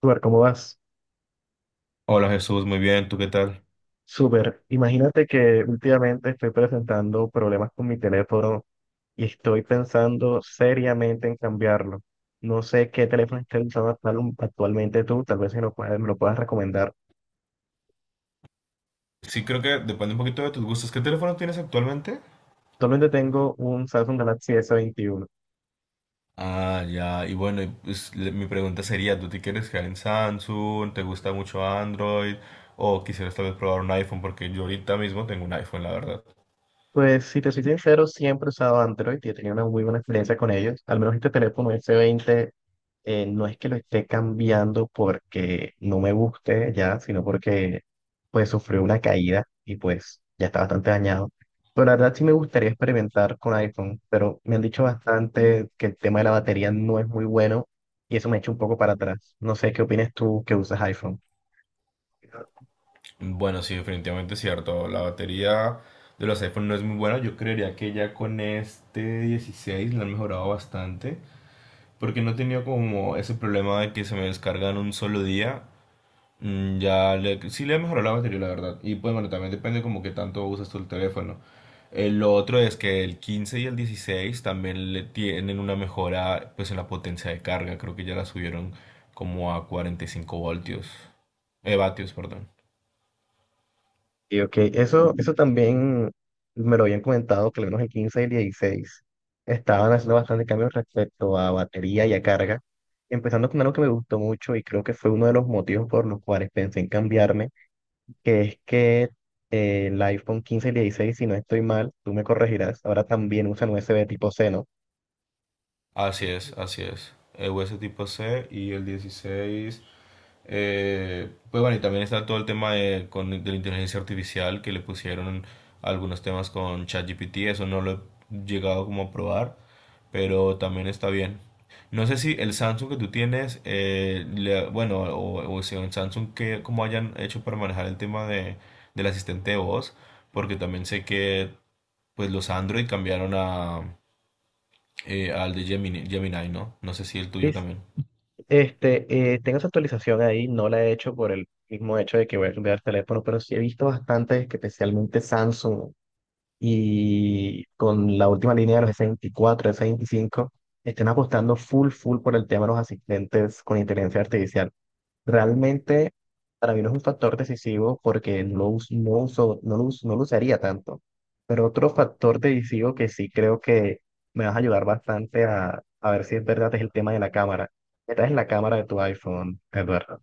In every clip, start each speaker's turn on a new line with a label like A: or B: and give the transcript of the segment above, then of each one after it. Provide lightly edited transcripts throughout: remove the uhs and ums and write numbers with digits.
A: Súper, ¿cómo vas?
B: Hola Jesús, muy bien, ¿tú qué tal?
A: Súper. Imagínate que últimamente estoy presentando problemas con mi teléfono y estoy pensando seriamente en cambiarlo. No sé qué teléfono estás usando actualmente tú, tal vez si me lo puedas recomendar.
B: Sí, creo que depende un poquito de tus gustos. ¿Qué teléfono tienes actualmente?
A: Actualmente tengo un Samsung Galaxy s veintiuno.
B: Ah, ya, y bueno, y, pues, mi pregunta sería, ¿tú te quieres quedar en Samsung? ¿Te gusta mucho Android? ¿O quisieras tal vez probar un iPhone? Porque yo ahorita mismo tengo un iPhone, la verdad.
A: Pues si te soy sincero, siempre he usado Android y he tenido una muy buena experiencia con ellos. Al menos este teléfono s veinte. No es que lo esté cambiando porque no me guste ya, sino porque pues sufrió una caída y pues ya está bastante dañado. Pero la verdad sí me gustaría experimentar con iPhone, pero me han dicho bastante que el tema de la batería no es muy bueno y eso me echa un poco para atrás. No sé qué opinas tú que usas iPhone.
B: Bueno, sí, definitivamente es cierto. La batería de los iPhone no es muy buena. Yo creería que ya con este 16 la han mejorado bastante. Porque no he tenido como ese problema de que se me descargan un solo día. Mm, ya le, sí le he mejorado la batería, la verdad. Y pues bueno, también depende como que tanto usas tú el teléfono. El otro es que el 15 y el 16 también le tienen una mejora pues en la potencia de carga. Creo que ya la subieron como a 45 voltios. Vatios, perdón.
A: Y ok, eso también me lo habían comentado, que al menos el 15 y el 16 estaban haciendo bastante cambios respecto a batería y a carga, empezando con algo que me gustó mucho y creo que fue uno de los motivos por los cuales pensé en cambiarme, que es que el iPhone 15 y el 16, si no estoy mal, tú me corregirás, ahora también usan USB tipo C, ¿no?
B: Así es, así es. El US tipo C y el 16. Pues bueno, y también está todo el tema de la inteligencia artificial que le pusieron algunos temas con ChatGPT. Eso no lo he llegado como a probar, pero también está bien. No sé si el Samsung que tú tienes, bueno, o si en Samsung que cómo hayan hecho para manejar el tema de, del asistente de voz, porque también sé que pues los Android cambiaron a, al de Gemini, Gemini, ¿no? No sé si el
A: Sí.
B: tuyo también.
A: Tengo esa actualización ahí, no la he hecho por el mismo hecho de que voy a cambiar el teléfono, pero sí he visto bastantes, que especialmente Samsung. Y con la última línea de los S24, S25, estén apostando full, full por el tema de los asistentes con inteligencia artificial. Realmente, para mí no es un factor decisivo porque no, us- no, uso, no, lo us- no lo usaría tanto. Pero otro factor decisivo que sí creo que me vas a ayudar bastante a ver si es verdad es el tema de la cámara. ¿Qué tal es la cámara de tu iPhone, Eduardo?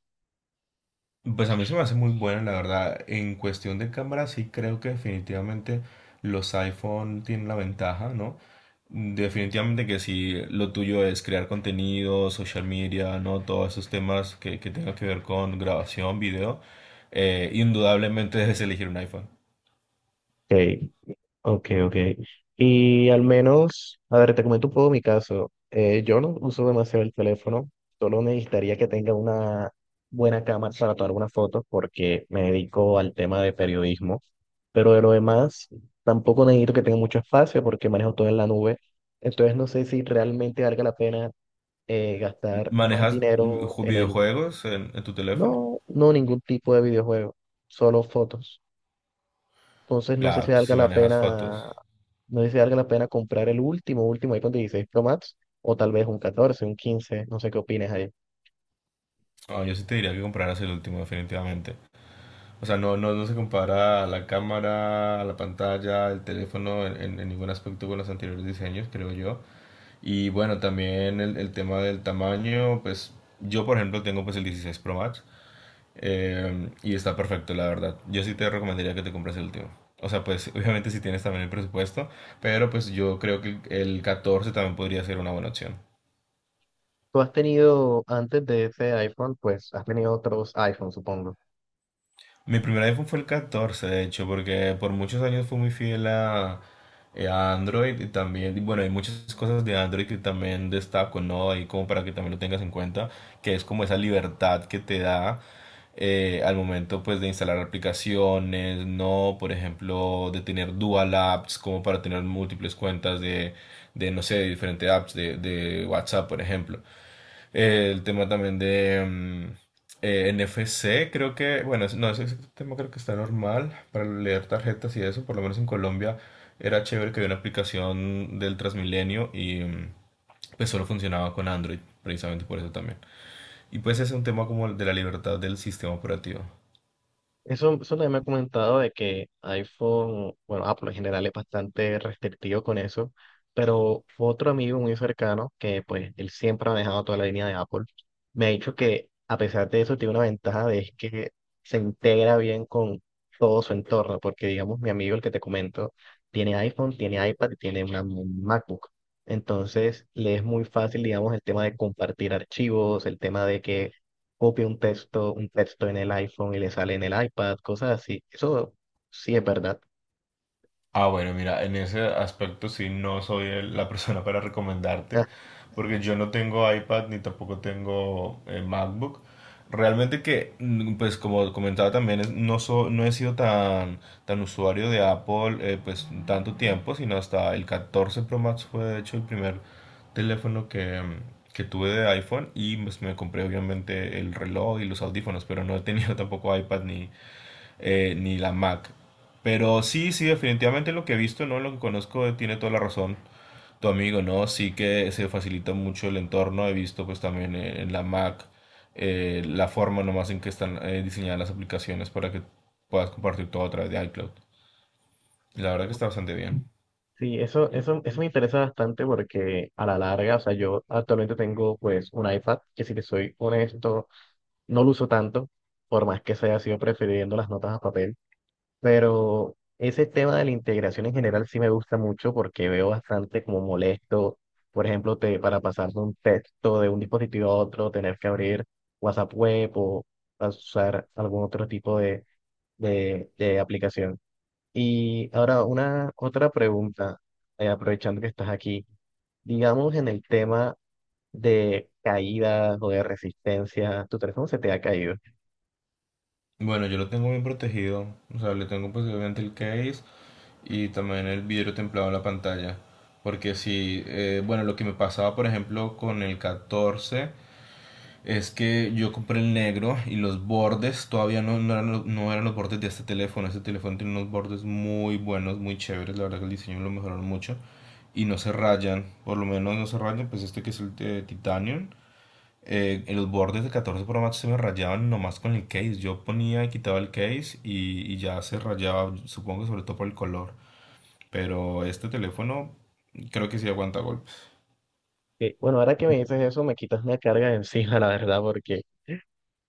B: Pues a mí se me hace muy buena, la verdad. En cuestión de cámara, sí creo que definitivamente los iPhone tienen la ventaja, ¿no? Definitivamente que si lo tuyo es crear contenido, social media, ¿no? Todos esos temas que tengan que ver con grabación, video, indudablemente debes elegir un iPhone.
A: Ok, ok, ok. Y al menos, a ver, te comento un poco mi caso. Yo no uso demasiado el teléfono, solo necesitaría que tenga una buena cámara para tomar unas fotos porque me dedico al tema de periodismo. Pero de lo demás, tampoco necesito que tenga mucho espacio porque manejo todo en la nube. Entonces no sé si realmente valga la pena gastar más
B: ¿Manejas
A: dinero en el...
B: videojuegos en tu teléfono?
A: No, no ningún tipo de videojuego, solo fotos. Entonces no sé si
B: Claro, tú
A: valga
B: sí
A: la
B: manejas fotos.
A: pena, no sé si valga la pena comprar el último, último iPhone 16 Pro Max o tal vez un 14, un 15, no sé qué opinas ahí.
B: No, yo sí te diría que compraras el último, definitivamente. O sea, no se compara a la cámara, a la pantalla, el teléfono en ningún aspecto con los anteriores diseños, creo yo. Y bueno, también el tema del tamaño, pues yo por ejemplo tengo pues el 16 Pro Max, y está perfecto, la verdad. Yo sí te recomendaría que te compres el último. O sea, pues obviamente si tienes también el presupuesto, pero pues yo creo que el 14 también podría ser una buena opción.
A: Tú has tenido antes de ese iPhone, pues has tenido otros iPhones, supongo.
B: Mi primer iPhone fue el 14 de hecho, porque por muchos años fui muy fiel a Android y también, y bueno, hay muchas cosas de Android que también destaco, ¿no? Ahí como para que también lo tengas en cuenta, que es como esa libertad que te da al momento pues de instalar aplicaciones, ¿no? Por ejemplo, de tener dual apps, como para tener múltiples cuentas de no sé, de diferentes apps de WhatsApp, por ejemplo. El tema también de mm, NFC, creo que, bueno, es- no, ese tema creo que está normal para leer tarjetas y eso, por lo menos en Colombia era chévere que había una aplicación del Transmilenio y mm, pues solo funcionaba con Android, precisamente por eso también. Y pues es un tema como el de la libertad del sistema operativo.
A: Eso también me ha comentado de que iPhone, bueno, Apple en general es bastante restrictivo con eso, pero otro amigo muy cercano, que pues él siempre ha manejado toda la línea de Apple, me ha dicho que a pesar de eso tiene una ventaja de es que se integra bien con todo su entorno, porque digamos mi amigo el que te comento tiene iPhone, tiene iPad y tiene una MacBook. Entonces le es muy fácil, digamos, el tema de compartir archivos, el tema de que copia un texto, en el iPhone y le sale en el iPad, cosas así. Eso sí es verdad.
B: Ah, bueno, mira, en ese aspecto sí no soy la persona para recomendarte,
A: Ah,
B: porque yo no tengo iPad ni tampoco tengo MacBook. Realmente que, mm, pues como comentaba también, no he sido tan, tan usuario de Apple, pues tanto tiempo, sino hasta el 14 Pro Max fue de hecho el primer teléfono que, mm, que tuve de iPhone y pues me compré obviamente el reloj y los audífonos, pero no he tenido tampoco iPad ni ni la Mac. Pero sí, sí, definitivamente lo que he visto, ¿no? Lo que conozco tiene toda la razón. Tu amigo, ¿no? Sí que se facilita mucho el entorno. He visto pues también en la Mac, la forma nomás en que están diseñadas las aplicaciones para que puedas compartir todo a través de iCloud. Y la verdad que está bastante bien.
A: sí, eso me interesa bastante porque a la larga, o sea, yo actualmente tengo pues un iPad que si te soy honesto, no lo uso tanto, por más que se haya sido prefiriendo las notas a papel. Pero ese tema de la integración en general sí me gusta mucho porque veo bastante como molesto, por ejemplo, para pasar de un texto de un dispositivo a otro, tener que abrir WhatsApp Web o usar algún otro tipo de aplicación. Y ahora una otra pregunta, aprovechando que estás aquí, digamos en el tema de caídas o de resistencia, tu teléfono se te ha caído.
B: Bueno, yo lo tengo bien protegido. O sea, le tengo pues obviamente el case y también el vidrio templado en la pantalla. Porque si, bueno, lo que me pasaba por ejemplo con el catorce, es que yo compré el negro y los bordes todavía no eran, no eran los bordes de este teléfono. Este teléfono tiene unos bordes muy buenos, muy chéveres. La verdad que el diseño lo mejoraron mucho. Y no se rayan, por lo menos no se rayan. Pues este que es el de Titanium. En los bordes de 14 Pro Max se me rayaban nomás con el case. Yo ponía y quitaba el case y ya se rayaba, supongo que sobre todo por el color. Pero este teléfono creo que sí aguanta golpes.
A: Bueno, ahora que me dices eso, me quitas una carga de encima, la verdad, porque...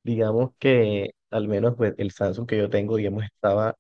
A: Digamos que al menos pues, el Samsung que yo tengo, digamos, estaba,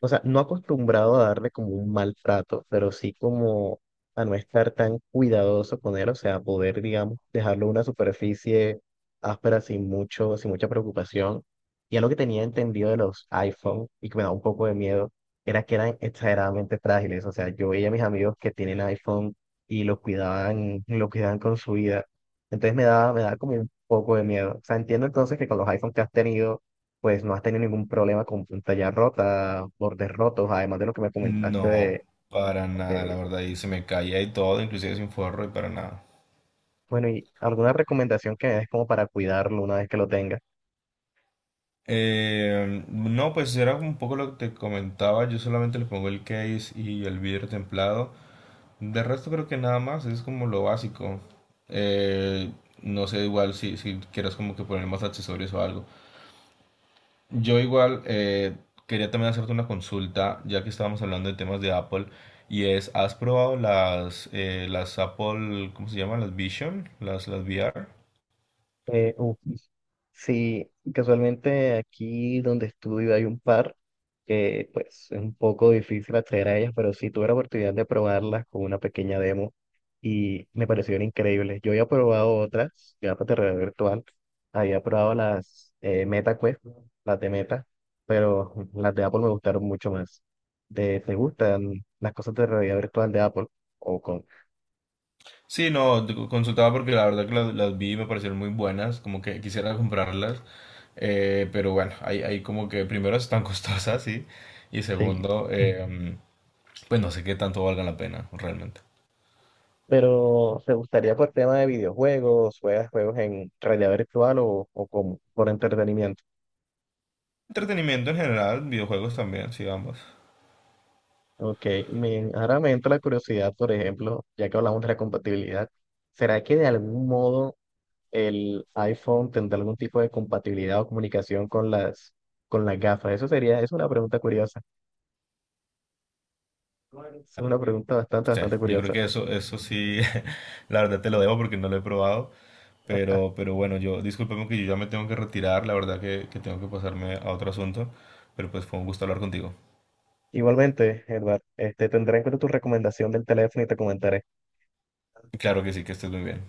A: o sea, no acostumbrado a darle como un maltrato, pero sí como a no estar tan cuidadoso con él, o sea, poder, digamos, dejarlo en una superficie áspera sin mucho, sin mucha preocupación. Y algo que tenía entendido de los iPhone y que me da un poco de miedo era que eran exageradamente frágiles, o sea, yo veía a mis amigos que tienen iPhone y lo cuidaban con su vida. Entonces me daba como poco de miedo. O sea, entiendo entonces que con los iPhones que has tenido, pues no has tenido ningún problema con pantalla rota, bordes rotos, además de lo que me comentaste
B: No,
A: de...
B: para
A: Ok.
B: nada, la verdad, y se me caía y todo, inclusive sin forro y para nada.
A: Bueno, ¿y alguna recomendación que me des como para cuidarlo una vez que lo tengas?
B: No, pues era un poco lo que te comentaba, yo solamente le pongo el case y el vidrio templado. De resto creo que nada más, es como lo básico. Eh, no sé igual si quieras como que poner más accesorios o algo. Yo igual quería también hacerte una consulta, ya que estábamos hablando de temas de Apple, y es, ¿has probado las Apple, ¿cómo se llaman? Las Vision, las VR.
A: Eh, uf, Sí, casualmente aquí donde estudio hay un par que pues es un poco difícil acceder a ellas, pero sí tuve la oportunidad de probarlas con una pequeña demo y me parecieron increíbles. Yo había probado otras, ya para realidad virtual, había probado las MetaQuest, las de Meta, pero las de Apple me gustaron mucho más. Te gustan las cosas de realidad virtual de Apple? O con...
B: Sí, no, te consultaba porque la verdad que las vi y me parecieron muy buenas, como que quisiera comprarlas, pero bueno, hay como que primero están costosas, sí, y
A: Sí.
B: segundo, pues no sé qué tanto valga la pena realmente.
A: Pero, ¿te gustaría por tema de videojuegos? ¿Juegas juegos en realidad virtual o como, por entretenimiento?
B: Entretenimiento en general, videojuegos también, sí, ambos.
A: Ok, me, ahora me entra la curiosidad, por ejemplo, ya que hablamos de la compatibilidad, ¿será que de algún modo el iPhone tendrá algún tipo de compatibilidad o comunicación con las gafas? Eso sería, es una pregunta curiosa. Es una pregunta bastante,
B: Sí,
A: bastante
B: yo creo
A: curiosa.
B: que eso sí, la verdad te lo debo porque no lo he probado, pero bueno, yo, discúlpame que yo ya me tengo que retirar, la verdad que tengo que pasarme a otro asunto, pero pues fue un gusto hablar contigo.
A: Igualmente, Edward, este, tendré en cuenta tu recomendación del teléfono y te comentaré.
B: Claro que sí, que estés muy bien.